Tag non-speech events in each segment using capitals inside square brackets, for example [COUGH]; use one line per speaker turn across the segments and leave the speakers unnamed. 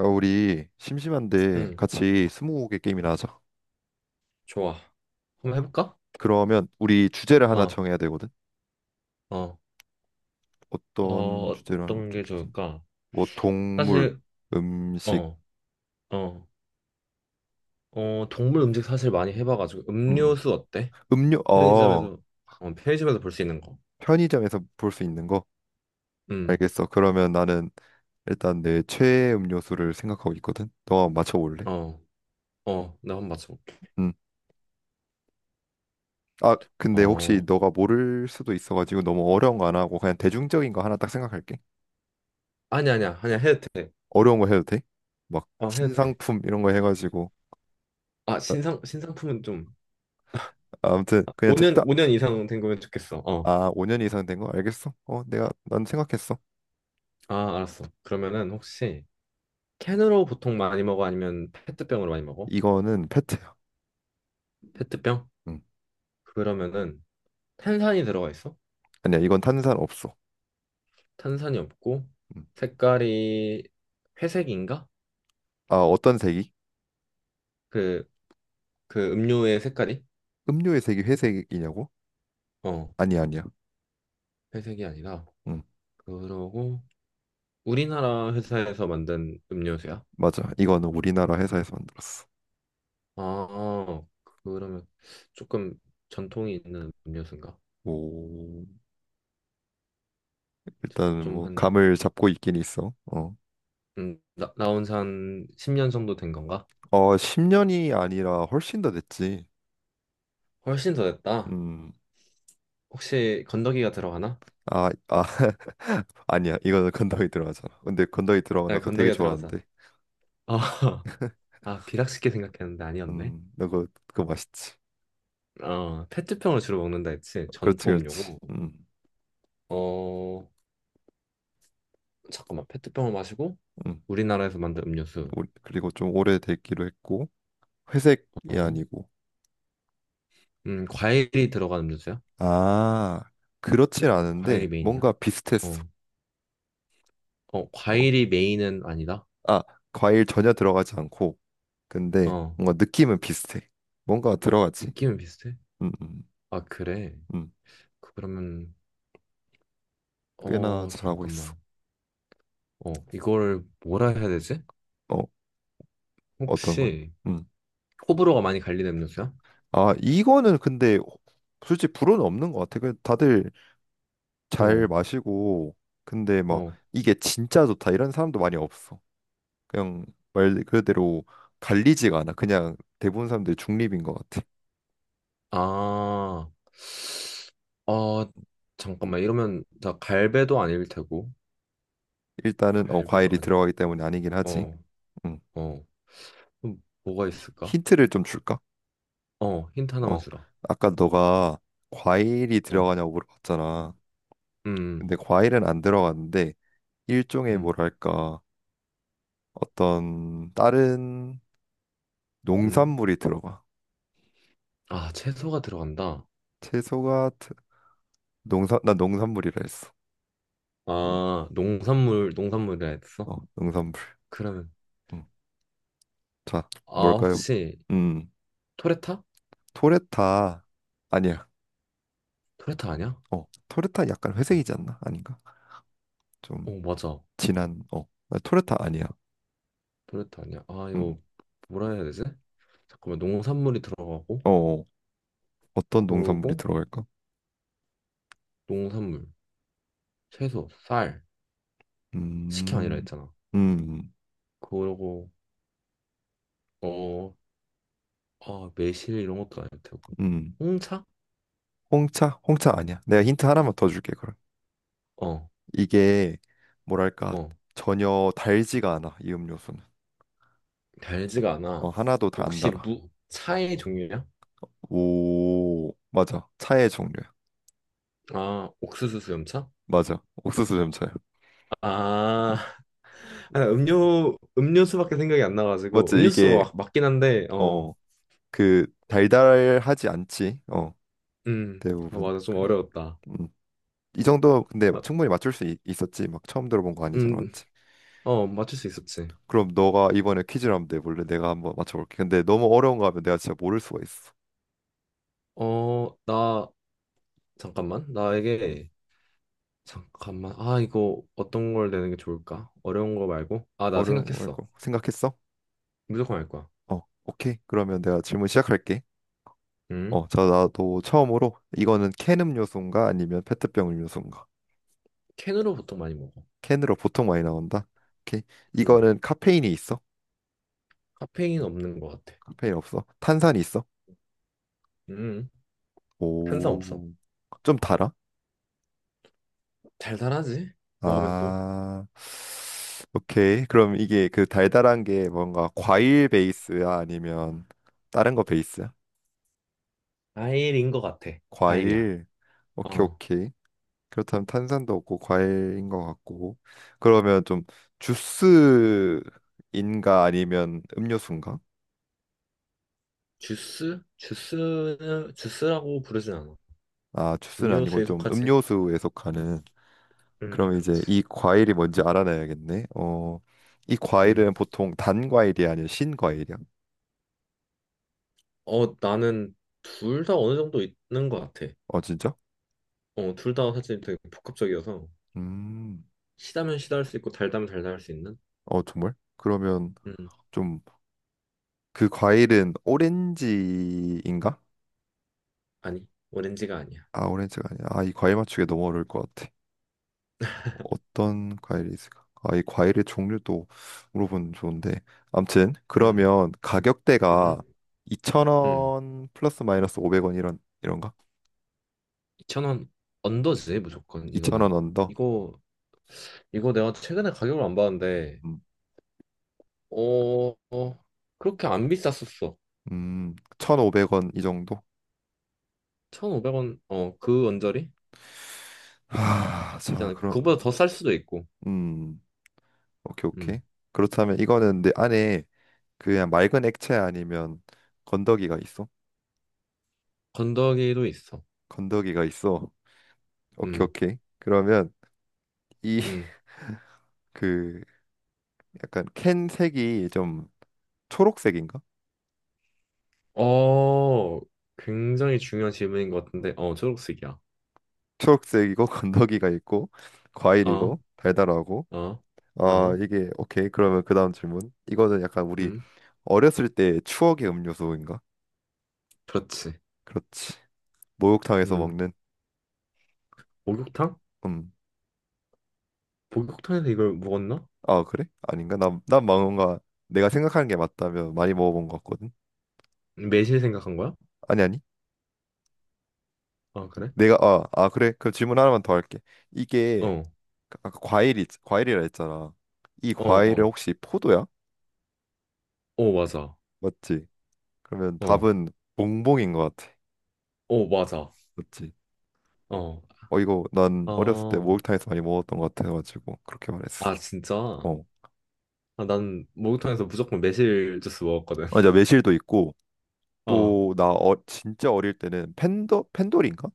야, 우리 심심한데
응,
같이 스무고개 게임이나 하자.
좋아. 한번 해볼까?
그러면 우리 주제를 하나
어,
정해야 되거든.
어, 어,
어떤 주제로 하는 거
어떤 게
좋겠지?
좋을까?
뭐 동물,
사실,
음식,
어, 어, 어, 동물 음식 사실 많이 해봐가지고
음,
음료수 어때?
음료, 어,
편의점에서, 편의점에서 볼 수 있는 거.
편의점에서 볼 수 있는 거.
음,
알겠어. 그러면 나는 일단 내 최애 음료수를 생각하고 있거든. 너가 한번 맞춰볼래?
어, 어, 나 한번 맞춰볼게.
음. 아, 근데 혹시
어,
너가 모를 수도 있어가지고 너무 어려운 거 안 하고 그냥 대중적인 거 하나 딱 생각할게.
아니 아니야, 아니야 해도 돼.
어려운 거 해도 돼? 막
어, 해도 돼.
신상품 이런 거 해가지고
아, 신상품은 좀.
아무튼
아,
그냥
5년
적당
오 년 이상 된 거면 좋겠어. 어,
아, 5년 이상 된 거 알겠어? 어, 내가 난 생각했어.
아, 알았어. 그러면은 혹시 캔으로 보통 많이 먹어 아니면 페트병으로 많이 먹어?
이거는 페트야.
페트병?
음.
그러면은 탄산이 들어가 있어?
아니야, 이건 탄산 없어.
탄산이 없고
음.
색깔이 회색인가?
아, 어떤 색이?
그, 그 음료의 색깔이?
음료의 색이 회색이냐고?
어,
아니, 아니야.
회색이 아니라
음.
그러고 우리나라 회사에서 만든 음료수야?
맞아. 이거는 우리나라 회사에서 만들었어.
아, 그러면 조금 전통이 있는 음료수인가?
오, 일단
좀
뭐
한,
감을 잡고 있긴 있어. 어.
나온 지 한 10년 정도 된 건가?
어, 10년이 아니라 훨씬 더 됐지.
훨씬 더 됐다.
음.
혹시 건더기가 들어가나?
아, 아. [LAUGHS] 아니야. 이거는 건더기 들어가잖아. 근데 건더기 들어가 나
네
그거 되게
건더기가 들어가자.
좋아하는데.
아, [LAUGHS] 아, 비락식게 생각했는데 아니었네.
음. 나 그거 맛있지.
아, 페트병을 주로 먹는다 했지.
그렇지,
전통
그렇지.
음료고.
음.
어, 잠깐만. 페트병을 마시고
음.
우리나라에서 만든 음료수.
오- 그리고 좀 오래됐기로 했고 회색이
어.
아니고
과일이 들어간 음료수야?
아, 그렇진 않은데
과일이 메인이야?
뭔가 비슷했어.
어. 어,
어.
과일이 메인은 아니다.
아, 과일 전혀 들어가지 않고 근데
어.
뭔가 느낌은 비슷해. 뭔가 들어가지.
느낌은 비슷해?
음, 음,
아, 그래.
음.
그러면
꽤나
어,
잘하고 있어.
잠깐만. 어, 이걸 뭐라 해야 되지?
어, 어떤 걸?
혹시
음.
호불호가 많이 갈리는 음료수야?
아, 이거는 근데 솔직히 불호는 없는 것 같아. 그 다들
어.
잘 마시고 근데 막
어.
이게 진짜 좋다 이런 사람도 많이 없어. 그냥 말 그대로 갈리지가 않아. 그냥 대부분 사람들이 중립인 것 같아.
아, 어, 잠깐만. 이러면 나 갈배도 아닐 테고.
일단은 어,
갈배도
과일이
아니고.
들어가기 때문에 아니긴 하지.
어,
음.
어. 그럼 뭐가 있을까?
힌트를 좀 줄까?
어, 힌트 하나만
어,
주라.
아까 너가 과일이
어,
들어가냐고 물어봤잖아.
음,
근데 과일은 안 들어갔는데 일종의
음,
뭐랄까 어떤 다른
음.
농산물이 들어가.
아, 채소가 들어간다.
채소가 농산 나 농산물이라 했어.
아, 농산물, 농산물이라 했어?
어, 농산물.
그러면,
음. 자,
아,
뭘까요?
혹시
음,
토레타?
토레타 아니야.
토레타 아니야?
어, 토르타 약간
잠-
회색이지 않나? 아닌가? 좀
어, 맞아.
진한, 어, 아, 토르타 아니야.
토레타 아니야. 아,
음,
이거 뭐라 해야 되지? 잠깐만, 농산물이 들어가고,
어, 어. 어떤 농산물이
그러고,
들어갈까?
농산물, 채소, 쌀. 식혜 아니라
음,
했잖아.
음,
그러고 어, 아, 매실 이런 것도 아닐 테고.
음.
홍차?
홍차? 홍차 아니야. 내가 힌트 하나만 더 줄게, 그럼.
어,
이게, 뭐랄까,
어.
전혀 달지가 않아, 이 음료수는.
달지가
어,
않아.
하나도 다 안
혹시
달아.
무 차의 종류냐?
오, 맞아. 차의 종류야.
아, 옥수수 수염차?
맞아. 옥수수 점차야.
아,
음.
[LAUGHS] 아니, 음료수밖에 생각이 안 나가지고
맞지?
음료수
이게,
막 맞긴 한데 어,
어, 그, 달달하지 않지. 어,
음, 아,
대부분.
맞아 좀
그래.
어려웠다.
음. 이 정도 근데
아,
충분히 맞출 수 있었지. 막 처음 들어본 거 아니잖아,
음,
맞지?
어 맞출 수 있었지.
그럼 너가 이번에 퀴즈를 한번 내볼래? 내가 한번 맞춰볼게. 근데 너무 어려운 거 하면 내가 진짜 모를 수가 있어.
어, 나 잠깐만
음,
나에게 잠깐만. 아, 이거 어떤 걸 내는 게 좋을까? 어려운 거 말고? 아, 나
어려운 거
생각했어.
말고 생각했어?
무조건 알 거야.
어, 오케이. 그러면 내가 질문 시작할게.
음.
어, 자, 나도 처음으로 이거는 캔 음료수인가 아니면 페트병 음료수인가?
캔으로 보통 많이 먹어.
캔으로 보통 많이 나온다. 오케이.
음.
이거는 카페인이 있어?
카페인 없는 거 같아.
카페인 없어? 탄산이 있어?
음. 탄산 없어.
오, 좀 달아?
달달하지? 먹으면 또.
아, 오케이. 그럼 이게 그 달달한 게 뭔가 과일 베이스야? 아니면 다른 거 베이스야?
과일인 거 같아. 과일이야.
과일. 오케이,
어.
오케이. 그렇다면 탄산도 없고 과일인 것 같고. 그러면 좀 주스인가 아니면 음료수인가?
주스? 주스는 주스라고 부르진 않아.
아, 주스는 아니고
음료수에
좀
속하지?
음료수에 속하는. 그럼 이제
그렇지.
이 과일이 뭔지 알아내야겠네. 어, 이
음.
과일은 보통 단 과일이 아니라 신 과일이야.
어, 나는 둘 다 어느 정도 있는 거 같아.
어, 진짜?
어, 둘 다 사실 되게 복합적이어서
음.
시다면 시다 할 수 있고 달다면 달다 할 수 있는?
어, 정말? 그러면
음,
좀 그 과일은 오렌지인가?
아니, 오렌지가 아니야.
아, 오렌지가 아니야. 아, 이 과일 맞추기 너무 어려울 것 같아. 어떤 과일이 있을까? 아, 이 과일의 종류도 물어보면 좋은데. 암튼
음,
그러면 가격대가
음, 음.
2,000원 플러스 마이너스 500원 이런가?
2,000원 언더지, 무조건,
2,000원
이거는.
언더.
이거, 이거 내가 최근에 가격을 안 봤는데,
음,
어, 어, 그렇게 안 비쌌었어.
1,500원 이 정도?
1,500원, 어, 그 언저리?
아, 자,
있잖아. 그,
그럼
그거보다 더 쌀 수도 있고,
음, 오케이, 오케이.
음,
그렇다면 이거는 내 안에 그냥 맑은 액체 아니면 건더기가 있어?
건더기도 있어.
건더기가 있어. 오케이,
음,
오케이. 그러면 이
음.
[LAUGHS] 그 약간 캔 색이 좀 초록색인가?
어, 굉장히 중요한 질문인 것 같은데, 어, 초록색이야.
초록색이고 [LAUGHS] 건더기가 있고
어,
과일이고 달달하고
어,
아
어,
이게, 오케이. 그러면 그 다음 질문, 이거는 약간 우리
음,
어렸을 때 추억의 음료수인가?
그렇지.
그렇지. 목욕탕에서
음,
먹는
목욕탕?
음.
목욕탕에서 이걸 먹었나?
아, 그래? 아닌가? 난 뭔가 내가 생각하는 게 맞다면 많이 먹어본 것 같거든.
매실 생각한 거야?
아니, 아니.
아, 그래?
내가 아, 아, 그래, 그럼 질문 하나만 더 할게. 이게
어,
그 아까 과일이 과일이라 했잖아. 이
어,
과일은
어,
혹시 포도야?
어, 맞아.
맞지. 그러면
어,
답은 봉봉인 것 같아.
어, 맞아.
맞지.
어,
어, 이거 난 어렸을 때
아,
목욕탕에서 많이 먹었던 것 같아가지고 그렇게 말했어.
아, 진짜?
어,
아, 난 목욕탕에서 무조건 매실 주스 먹었거든.
맞아, 매실도 있고
[LAUGHS] 어,
또 나 어, 진짜 어릴 때는 팬더 펜돌인가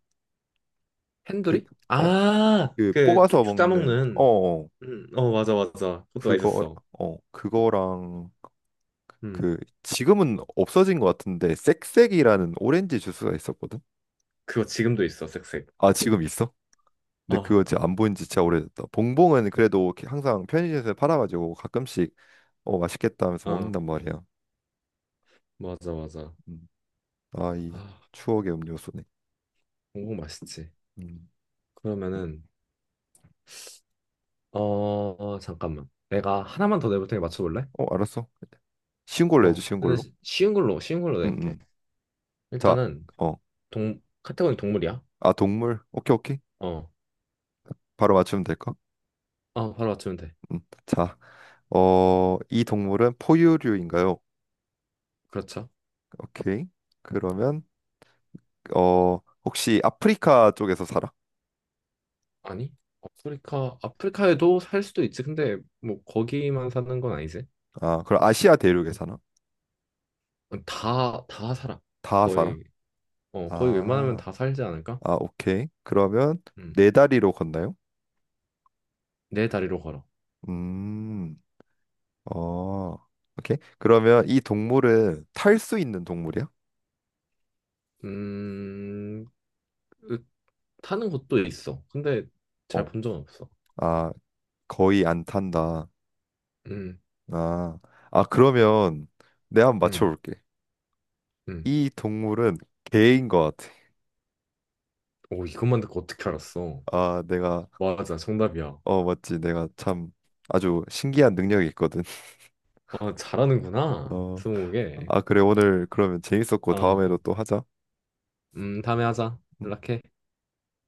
핸 e
그
이
어
아,
그
그
뽑아서
쭉쭉
먹는 어,
짜먹는.
어,
어, 맞아, 맞아. 그것도
그거,
맛있었어.
어, 그거랑
음,
그, 지금은 없어진 것 같은데 쌕쌕이라는 오렌지 주스가 있었거든.
그거 지금도 있어, 색색.
아, 지금 있어? 근데
어,
그거 진짜 안 보인 지 진짜 오래됐다. 봉봉은 그래도 이렇게 항상 편의점에서 팔아가지고 가끔씩 어 맛있겠다 하면서
어,
먹는단 말이야.
맞아, 맞아.
음. 아이
아,
추억의 음료수네.
공복 맛있지.
음.
그러면은, 어, 어, 잠깐만. 내가 하나만 더 내볼 테니 맞춰볼래?
어, 알았어. 쉬운 걸로 해줘,
어,
쉬운
근데
걸로.
쉬운 걸로 낼게.
응응. 자,
일단은
어.
동 카테고리 동물이야.
아, 동물. 오케이, 오케이.
어.
바로 맞추면 될까?
아, 바로 맞추면 돼.
음. 자, 어, 이 동물은 포유류인가요?
그렇죠?
오케이. 그러면 어, 혹시 아프리카 쪽에서 살아?
아니? 아프리카에도 살 수도 있지. 근데 뭐 거기만 사는 건 아니지.
아, 그럼 아시아 대륙에 사나?
다 살아.
다 살아?
거의 거의 웬만하면
아,
다 살지 않을까?
아, 오케이. 그러면
음.
네 다리로 걷나요?
네 다리로 걸어.
음, 어, 오케이. 그러면 이 동물은 탈 수 있는 동물이야?
음. 으, 타는 곳도 있어. 근데 잘
어.
본 적은 없어.
아, 거의 안 탄다.
음.
아, 아, 그러면 내가 한번
음.
맞춰볼게.
음.
이 동물은 개인 것 같아.
오, 이것만 듣고 어떻게 알았어?
아, 내가,
맞아. 정답이야.
어, 맞지. 내가 참 아주 신기한 능력이 있거든.
아,
[LAUGHS]
잘하는구나.
어,
스무고개.
아, 그래. 오늘 그러면 재밌었고
아,
다음에도 또 하자.
다음에 하자.
음.
연락해.